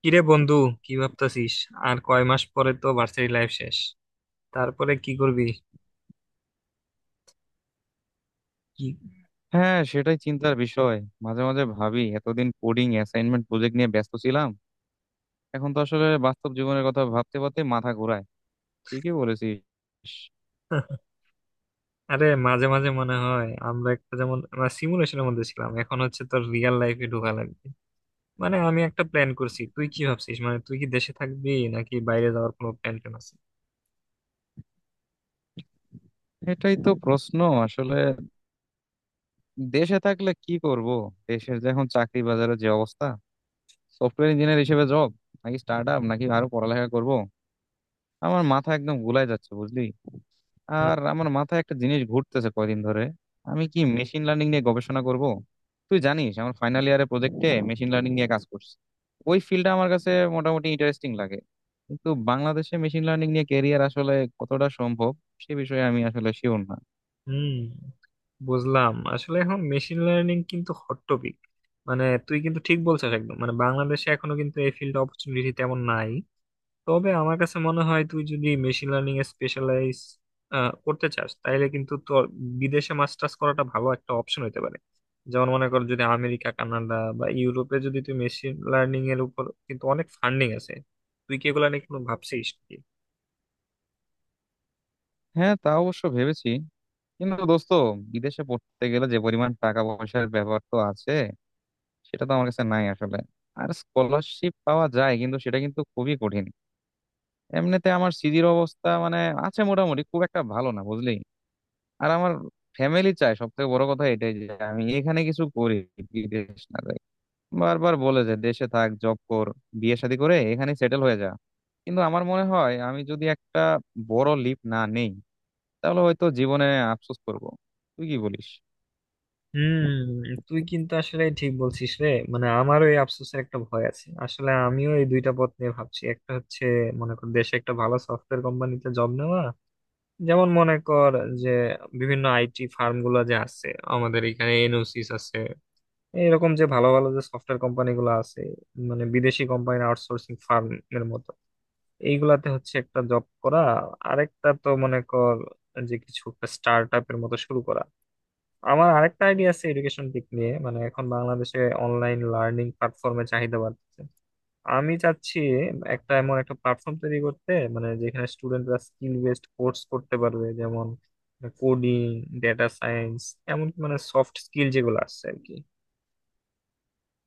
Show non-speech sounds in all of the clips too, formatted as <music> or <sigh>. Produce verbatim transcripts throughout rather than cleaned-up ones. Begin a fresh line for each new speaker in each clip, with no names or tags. কিরে বন্ধু, কি ভাবতাছিস? আর কয় মাস পরে তো ভার্সিটি লাইফ শেষ। তারপরে কি করবি? কি?
হ্যাঁ সেটাই চিন্তার বিষয়। মাঝে মাঝে ভাবি এতদিন কোডিং অ্যাসাইনমেন্ট প্রজেক্ট নিয়ে ব্যস্ত ছিলাম। এখন তো আসলে বাস্তব জীবনের কথা ভাবতে ভাবতে মাথা ঘোরায়। ঠিকই বলেছিস।
<laughs> আরে মাঝে মাঝে মনে হয় আমরা একটা যেমন আমরা সিমুলেশনের মধ্যে ছিলাম, এখন হচ্ছে তোর রিয়েল লাইফে ঢোকা লাগবে। মানে আমি একটা প্ল্যান করছি, তুই কি ভাবছিস? মানে তুই কি দেশে থাকবি নাকি বাইরে যাওয়ার কোনো প্ল্যান ট্যান আছে?
এটাই তো প্রশ্ন। আসলে দেশে থাকলে কি করব? দেশের যে এখন চাকরি বাজারের যে অবস্থা, সফটওয়্যার ইঞ্জিনিয়ার হিসেবে জব নাকি স্টার্ট আপ নাকি আরো পড়ালেখা করব, আমার মাথা একদম গুলাই যাচ্ছে বুঝলি।
হুম,
আর আমার মাথায় একটা জিনিস ঘুরতেছে কয়দিন ধরে। আমি কি মেশিন লার্নিং নিয়ে গবেষণা করব? তুই জানিস আমার ফাইনাল ইয়ারের প্রজেক্টে মেশিন লার্নিং নিয়ে কাজ করছি। ওই ফিল্ডটা আমার কাছে মোটামুটি ইন্টারেস্টিং লাগে। কিন্তু বাংলাদেশে মেশিন লার্নিং নিয়ে ক্যারিয়ার আসলে কতটা সম্ভব, সে বিষয়ে আমি আসলে শিওর না।
হুম, বুঝলাম। আসলে এখন মেশিন লার্নিং কিন্তু হট টপিক। মানে তুই কিন্তু ঠিক বলছিস একদম, মানে বাংলাদেশে এখনো কিন্তু এই ফিল্ড অপরচুনিটি তেমন নাই। তবে আমার কাছে মনে হয় তুই যদি মেশিন লার্নিং এ স্পেশালাইজ করতে চাস তাইলে কিন্তু তোর বিদেশে মাস্টার্স করাটা ভালো একটা অপশন হতে পারে। যেমন মনে কর যদি আমেরিকা কানাডা বা ইউরোপে যদি তুই মেশিন লার্নিং এর উপর কিন্তু অনেক ফান্ডিং আছে। তুই কি এগুলা নিয়ে কোনো ভাবছিস কি?
হ্যাঁ, তা অবশ্য ভেবেছি। কিন্তু দোস্ত, বিদেশে পড়তে গেলে যে পরিমাণ টাকা পয়সার ব্যাপার তো আছে, সেটা তো আমার কাছে নাই আসলে। আর স্কলারশিপ পাওয়া যায় কিন্তু সেটা কিন্তু খুবই কঠিন। এমনিতে আমার সিজির অবস্থা মানে আছে মোটামুটি, খুব একটা ভালো না বুঝলি। আর আমার ফ্যামিলি চায়, সব থেকে বড় কথা এটাই যে আমি এখানে কিছু করি, বিদেশ না যাই। বারবার বলে যে দেশে থাক, জব কর, বিয়ে শাদী করে এখানে সেটেল হয়ে যা। কিন্তু আমার মনে হয় আমি যদি একটা বড় লিপ না নেই তাহলে হয়তো জীবনে আফসোস করব। তুই কি বলিস?
হুম, তুই কিন্তু আসলে ঠিক বলছিস রে। মানে আমারও এই আফসোসের একটা ভয় আছে, আসলে আমিও এই দুইটা পথ নিয়ে ভাবছি। একটা হচ্ছে মনে কর দেশে একটা ভালো সফটওয়্যার কোম্পানিতে জব নেওয়া, যেমন মনে কর যে বিভিন্ন আইটি ফার্ম গুলো যে আছে, আমাদের এখানে এনওসিস আছে, এরকম যে ভালো ভালো যে সফটওয়্যার কোম্পানি গুলো আছে, মানে বিদেশি কোম্পানি আউটসোর্সিং ফার্ম এর মতো, এইগুলাতে হচ্ছে একটা জব করা। আরেকটা তো মনে কর যে কিছু একটা স্টার্ট এর মতো শুরু করা। আমার আরেকটা আইডিয়া আছে এডুকেশন দিক নিয়ে, মানে এখন বাংলাদেশে অনলাইন লার্নিং প্ল্যাটফর্মে চাহিদা বাড়ছে। আমি চাচ্ছি একটা এমন একটা প্ল্যাটফর্ম তৈরি করতে, মানে যেখানে স্টুডেন্টরা স্কিল বেসড কোর্স করতে পারবে, যেমন কোডিং, ডেটা সায়েন্স, এমন মানে সফট স্কিল যেগুলো আছে আর কি,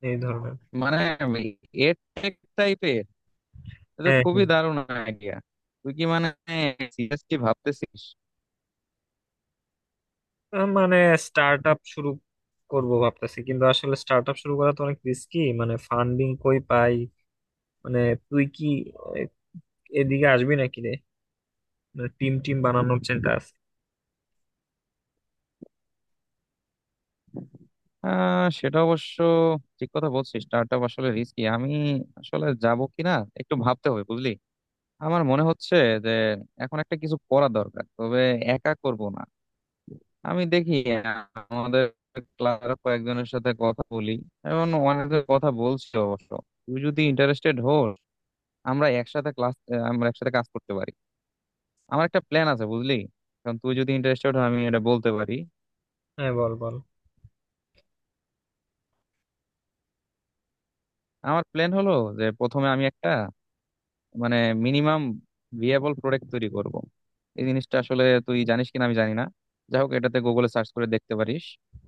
এই ধরনের।
মানে এর টাইপের এটা তো
হ্যাঁ,
খুবই
হ্যাঁ,
দারুণ আইডিয়া। তুই কি মানে সিরিয়াসলি ভাবতেছিস?
আহ, মানে স্টার্ট আপ শুরু করব ভাবতেছি, কিন্তু আসলে স্টার্ট আপ শুরু করা তো অনেক রিস্কি, মানে ফান্ডিং কই পাই? মানে তুই কি আহ, এদিকে আসবি নাকি রে? মানে টিম টিম বানানোর <laughs> চিন্তা আছে।
আহ সেটা অবশ্য ঠিক কথা বলছিস, স্টার্টআপ আসলে রিস্কি। আমি আসলে যাব কিনা একটু ভাবতে হবে বুঝলি। আমার মনে হচ্ছে যে এখন একটা কিছু করা দরকার, তবে একা করব না। আমি দেখি আমাদের ক্লাসের কয়েকজনের সাথে কথা বলি। এখন অনেকের কথা বলছি অবশ্য। তুই যদি ইন্টারেস্টেড হোস, আমরা একসাথে ক্লাস আমরা একসাথে কাজ করতে পারি। আমার একটা প্ল্যান আছে বুঝলি। কারণ তুই যদি ইন্টারেস্টেড হয় আমি এটা বলতে পারি।
হ্যাঁ, বল বল।
আমার প্ল্যান হলো যে প্রথমে আমি একটা মানে মিনিমাম ভিএবল প্রোডাক্ট তৈরি করব। এই জিনিসটা আসলে তুই জানিস কিনা আমি জানি না। যাই হোক, এটাতে গুগলে সার্চ করে দেখতে পারিস।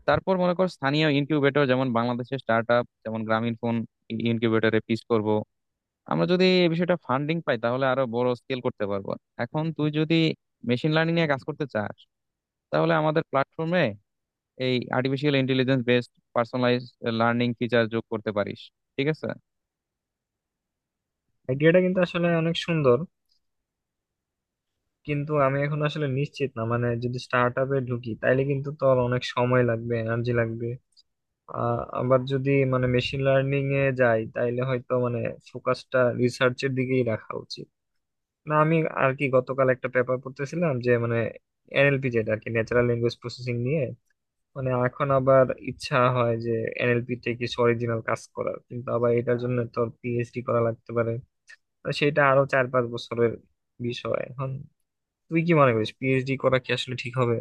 তারপর মনে কর স্থানীয় ইনকিউবেটর, যেমন বাংলাদেশের স্টার্ট আপ, যেমন গ্রামীণ ফোন ইনকিউবেটরে পিচ করব। আমরা যদি এই বিষয়টা ফান্ডিং পাই তাহলে আরো বড় স্কেল করতে পারবো। এখন তুই যদি মেশিন লার্নিং নিয়ে কাজ করতে চাস তাহলে আমাদের প্ল্যাটফর্মে এই artificial intelligence based personalize learning feature যোগ করতে পারিস, ঠিক আছে?
আইডিয়াটা কিন্তু আসলে অনেক সুন্দর, কিন্তু আমি এখন আসলে নিশ্চিত না। মানে যদি স্টার্ট আপে ঢুকি তাইলে কিন্তু তো আর অনেক সময় লাগবে, এনার্জি লাগবে। আ- আবার যদি মানে মেশিন লার্নিং এ যাই তাইলে হয়তো মানে ফোকাসটা রিসার্চের দিকেই রাখা উচিত না আমি। আর কি গতকাল একটা পেপার পড়তেছিলাম যে মানে এনএলপি, যেটা আর কি ন্যাচারাল ল্যাঙ্গুয়েজ প্রসেসিং নিয়ে, মানে এখন আবার ইচ্ছা হয় যে এনএলপি তে কিছু অরিজিনাল কাজ করার, কিন্তু আবার এটার জন্য তো পিএইচডি করা লাগতে পারে। তো সেটা আরো চার পাঁচ বছরের বিষয়। এখন তুই কি মনে করিস পিএইচডি করা কি আসলে ঠিক হবে?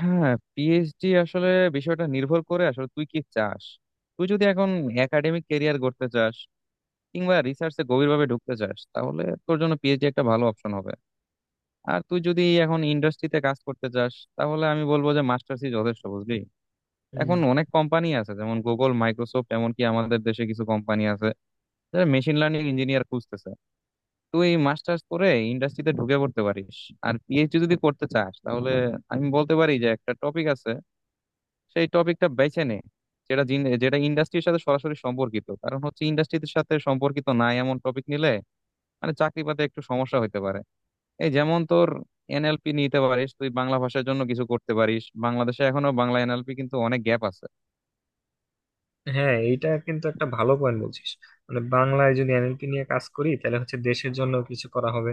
হ্যাঁ, পিএইচডি আসলে বিষয়টা নির্ভর করে আসলে তুই কি চাস। তুই যদি এখন একাডেমিক ক্যারিয়ার করতে চাস কিংবা রিসার্চে গভীরভাবে ঢুকতে চাস তাহলে তোর জন্য পিএইচডি একটা ভালো অপশন হবে। আর তুই যদি এখন ইন্ডাস্ট্রিতে কাজ করতে চাস তাহলে আমি বলবো যে মাস্টার্সই যথেষ্ট বুঝলি।
হুম,
এখন অনেক কোম্পানি আছে, যেমন গুগল, মাইক্রোসফট, এমনকি আমাদের দেশে কিছু কোম্পানি আছে যারা মেশিন লার্নিং ইঞ্জিনিয়ার খুঁজতেছে। তুই মাস্টার্স করে ইন্ডাস্ট্রিতে ঢুকে পড়তে পারিস। আর পিএইচডি যদি করতে চাস তাহলে আমি বলতে পারি যে একটা টপিক আছে, সেই টপিকটা বেছে নে, যেটা জিন- যেটা ইন্ডাস্ট্রির সাথে সরাসরি সম্পর্কিত। কারণ হচ্ছে ইন্ডাস্ট্রির সাথে সম্পর্কিত না এমন টপিক নিলে মানে চাকরি পাতে একটু সমস্যা হইতে পারে। এই যেমন তোর এনএলপি নিতে পারিস, তুই বাংলা ভাষার জন্য কিছু করতে পারিস, বাংলাদেশে এখনো বাংলা এনএলপি কিন্তু অনেক গ্যাপ আছে।
হ্যাঁ এটা কিন্তু একটা ভালো পয়েন্ট বলছিস। মানে বাংলায় যদি এনএলপি নিয়ে কাজ করি তাহলে হচ্ছে দেশের জন্য কিছু করা হবে।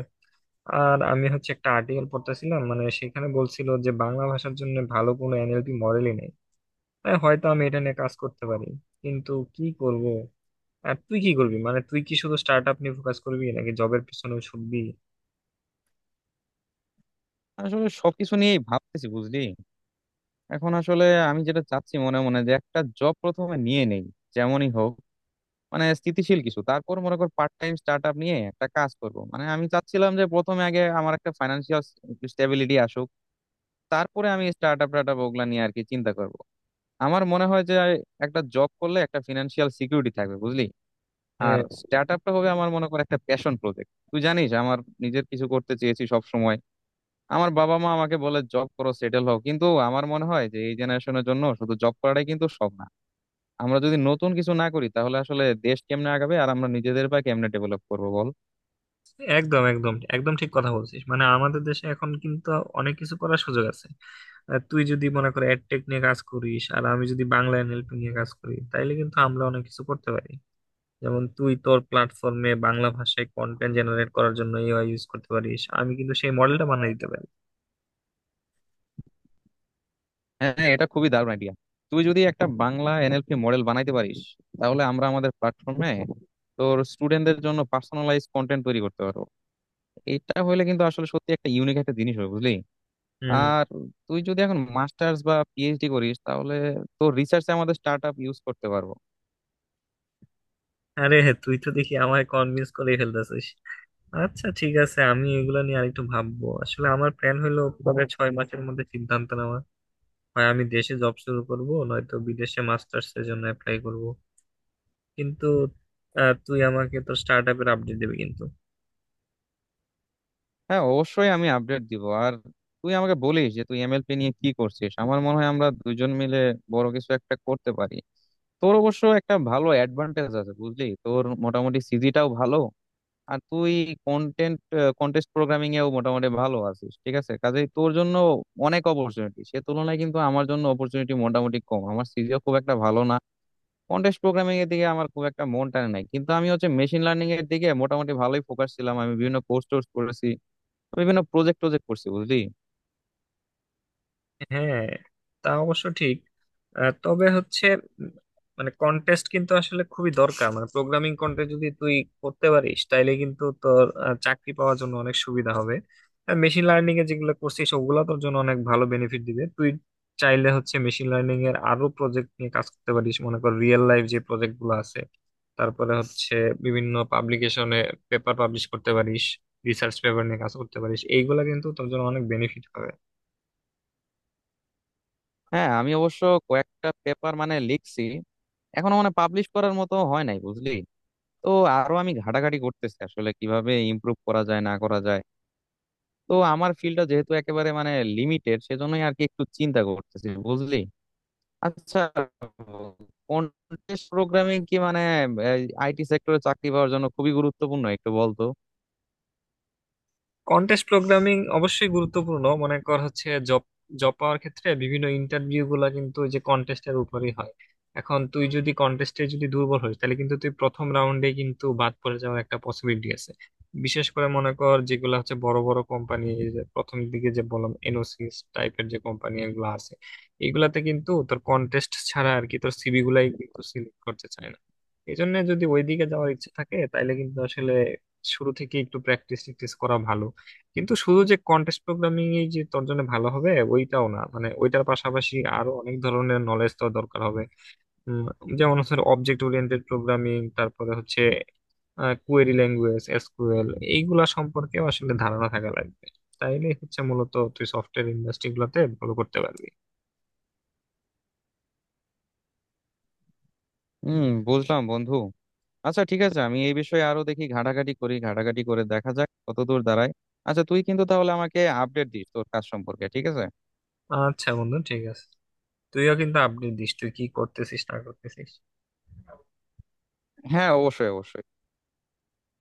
আর আমি হচ্ছে একটা আর্টিকেল পড়তেছিলাম, মানে সেখানে বলছিল যে বাংলা ভাষার জন্য ভালো কোনো এনএলপি মডেলই নেই। তাই হয়তো আমি এটা নিয়ে কাজ করতে পারি, কিন্তু কি করব? আর তুই কি করবি? মানে তুই কি শুধু স্টার্ট আপ নিয়ে ফোকাস করবি নাকি জবের পিছনেও ছুটবি?
আসলে সবকিছু নিয়েই ভাবতেছি বুঝলি। এখন আসলে আমি যেটা চাচ্ছি মনে মনে যে একটা জব প্রথমে নিয়ে নেই, যেমনই হোক, মানে স্থিতিশীল কিছু। তারপর মনে কর পার্ট টাইম স্টার্ট আপ নিয়ে একটা কাজ করব, মানে আমি চাচ্ছিলাম যে প্রথমে আগে আমার একটা ফাইন্যান্সিয়াল স্টেবিলিটি আসুক। তারপরে আমি স্টার্ট আপ টার্ট ওগুলা নিয়ে আর কি চিন্তা করব। আমার মনে হয় যে একটা জব করলে একটা ফিনান্সিয়াল সিকিউরিটি থাকবে বুঝলি। আর
হ্যাঁ,
স্টার্ট আপটা হবে আমার মনে কর একটা প্যাশন প্রজেক্ট। তুই জানিস আমার নিজের কিছু করতে চেয়েছি সব সময়। আমার বাবা মা আমাকে বলে জব করো, সেটেল হও, কিন্তু আমার মনে হয় যে এই জেনারেশনের জন্য শুধু জব করাটাই কিন্তু সব না। আমরা যদি নতুন কিছু না করি তাহলে আসলে দেশ কেমনে আগাবে, আর আমরা নিজেদের বা কেমনে ডেভেলপ করবো বল।
একদম একদম একদম ঠিক কথা বলছিস। মানে আমাদের দেশে এখন কিন্তু অনেক কিছু করার সুযোগ আছে। আর তুই যদি মনে কর এডটেক নিয়ে কাজ করিস আর আমি যদি বাংলা এনএলপি নিয়ে কাজ করি তাইলে কিন্তু আমরা অনেক কিছু করতে পারি। যেমন তুই তোর প্ল্যাটফর্মে বাংলা ভাষায় কন্টেন্ট জেনারেট করার জন্য এআই ইউজ করতে পারিস, আমি কিন্তু সেই মডেলটা বানিয়ে দিতে পারি।
হ্যাঁ, হ্যাঁ, এটা খুবই দারুণ আইডিয়া। তুই যদি একটা বাংলা এনএলপি মডেল বানাইতে পারিস তাহলে আমরা আমাদের প্ল্যাটফর্মে তোর স্টুডেন্টদের জন্য পার্সোনালাইজ কন্টেন্ট তৈরি করতে পারবো। এটা হলে কিন্তু আসলে সত্যি একটা ইউনিক একটা জিনিস হবে বুঝলি।
হুম,
আর তুই যদি এখন মাস্টার্স বা পিএইচডি করিস তাহলে তোর রিসার্চে আমাদের স্টার্ট আপ ইউজ করতে পারবো।
আরে হ্যাঁ, তুই তো দেখি আমায় কনভিন্স করে ফেলতেছিস। আচ্ছা ঠিক আছে, আমি এগুলো নিয়ে আরেকটু ভাববো। আসলে আমার প্ল্যান হলো পরে ছয় মাসের মধ্যে সিদ্ধান্ত নেওয়া। হয় আমি দেশে জব শুরু করব, নয়তো বিদেশে মাস্টার্স এর জন্য অ্যাপ্লাই করব। কিন্তু আহ, তুই আমাকে তোর স্টার্ট আপের আপডেট দিবি কিন্তু।
হ্যাঁ, অবশ্যই আমি আপডেট দিব। আর তুই আমাকে বলিস যে তুই এমএলপি নিয়ে কি করছিস। আমার মনে হয় আমরা দুজন মিলে বড় কিছু একটা করতে পারি। তোর অবশ্য একটা ভালো অ্যাডভান্টেজ আছে বুঝলি, তোর মোটামুটি সিজিটাও ভালো। আর তুই কন্টেন্ট কন্টেস্ট প্রোগ্রামিং এও মোটামুটি ভালো আছিস, ঠিক আছে। কাজেই তোর জন্য অনেক অপরচুনিটি। সে তুলনায় কিন্তু আমার জন্য অপরচুনিটি মোটামুটি কম, আমার সিজিও খুব একটা ভালো না। কন্টেস্ট প্রোগ্রামিং এর দিকে আমার খুব একটা মন টানে নাই, কিন্তু আমি হচ্ছে মেশিন লার্নিং এর দিকে মোটামুটি ভালোই ফোকাস ছিলাম। আমি বিভিন্ন কোর্স টোর্স করেছি, বিভিন্ন প্রজেক্ট টজেক্ট করছি বুঝলি।
হ্যাঁ, তা অবশ্য ঠিক। আহ, তবে হচ্ছে উম, মানে কন্টেস্ট কিন্তু আসলে খুবই দরকার, মানে প্রোগ্রামিং কন্টেস্ট যদি তুই করতে পারিস তাইলে কিন্তু তোর আহ, চাকরি পাওয়ার জন্য অনেক সুবিধা হবে। মেশিন লার্নিং এ যেগুলো করছিস ওগুলো তোর জন্য অনেক ভালো বেনিফিট দিবে। তুই চাইলে হচ্ছে মেশিন লার্নিং এর আরো প্রজেক্ট নিয়ে কাজ করতে পারিস, মনে কর রিয়েল লাইফ যে প্রজেক্ট গুলো আছে, তারপরে হচ্ছে বিভিন্ন পাবলিকেশনে পেপার পাবলিশ করতে পারিস, রিসার্চ পেপার নিয়ে কাজ করতে পারিস। এইগুলা কিন্তু তোর জন্য অনেক বেনিফিট হবে।
হ্যাঁ, আমি অবশ্য কয়েকটা পেপার মানে লিখছি, এখনো মানে পাবলিশ করার মতো হয় নাই বুঝলি। তো আরো আমি ঘাটাঘাটি করতেছি আসলে কিভাবে ইমপ্রুভ করা যায় না করা যায়। তো আমার ফিল্ডটা যেহেতু একেবারে মানে লিমিটেড, সেজন্যই আর কি একটু চিন্তা করতেছি বুঝলি। আচ্ছা, কন্টেস্ট প্রোগ্রামিং কি মানে আইটি সেক্টরে চাকরি পাওয়ার জন্য খুবই গুরুত্বপূর্ণ, একটু বলতো।
কন্টেস্ট প্রোগ্রামিং অবশ্যই গুরুত্বপূর্ণ। মনে কর হচ্ছে জব জব পাওয়ার ক্ষেত্রে বিভিন্ন ইন্টারভিউ গুলা কিন্তু ওই যে কন্টেস্টের উপরই হয়। এখন তুই যদি কন্টেস্টে যদি দুর্বল হস তাহলে কিন্তু তুই প্রথম রাউন্ডে কিন্তু বাদ পড়ে যাওয়ার একটা পসিবিলিটি আছে। বিশেষ করে মনে কর যেগুলো হচ্ছে বড় বড় কোম্পানি, প্রথম দিকে যে বললাম এনওসিস টাইপের যে কোম্পানি এগুলো আছে, এগুলাতে কিন্তু তোর কন্টেস্ট ছাড়া আর কি তোর সিভি গুলাই কিন্তু সিলেক্ট করতে চায় না। এই জন্য যদি ওইদিকে যাওয়ার ইচ্ছা থাকে তাইলে কিন্তু আসলে শুরু থেকে একটু প্র্যাকটিস ট্যাকটিস করা ভালো। কিন্তু শুধু যে কন্টেস্ট প্রোগ্রামিং এই যে তোর জন্য ভালো হবে ওইটাও না, মানে ওইটার পাশাপাশি আরো অনেক ধরনের নলেজ তোর দরকার হবে। উম, যেমন হচ্ছে অবজেক্ট ওরিয়েন্টেড প্রোগ্রামিং, তারপরে হচ্ছে কোয়েরি ল্যাঙ্গুয়েজ এসকিউএল, এইগুলা সম্পর্কেও আসলে ধারণা থাকা লাগবে। তাইলে হচ্ছে মূলত তুই সফটওয়্যার ইন্ডাস্ট্রি গুলাতে ভালো করতে পারবি।
হুম, বুঝলাম বন্ধু। আচ্ছা ঠিক আছে, আমি এই বিষয়ে আরো দেখি, ঘাটাঘাটি করি, ঘাটাঘাটি করে দেখা যাক কতদূর দাঁড়ায়। আচ্ছা তুই কিন্তু তাহলে আমাকে আপডেট দিস তোর কাজ সম্পর্কে, ঠিক আছে?
আচ্ছা বন্ধু, ঠিক আছে। তুইও কিন্তু আপডেট দিস, তুই কি করতেছিস না করতেছিস।
হ্যাঁ, অবশ্যই অবশ্যই।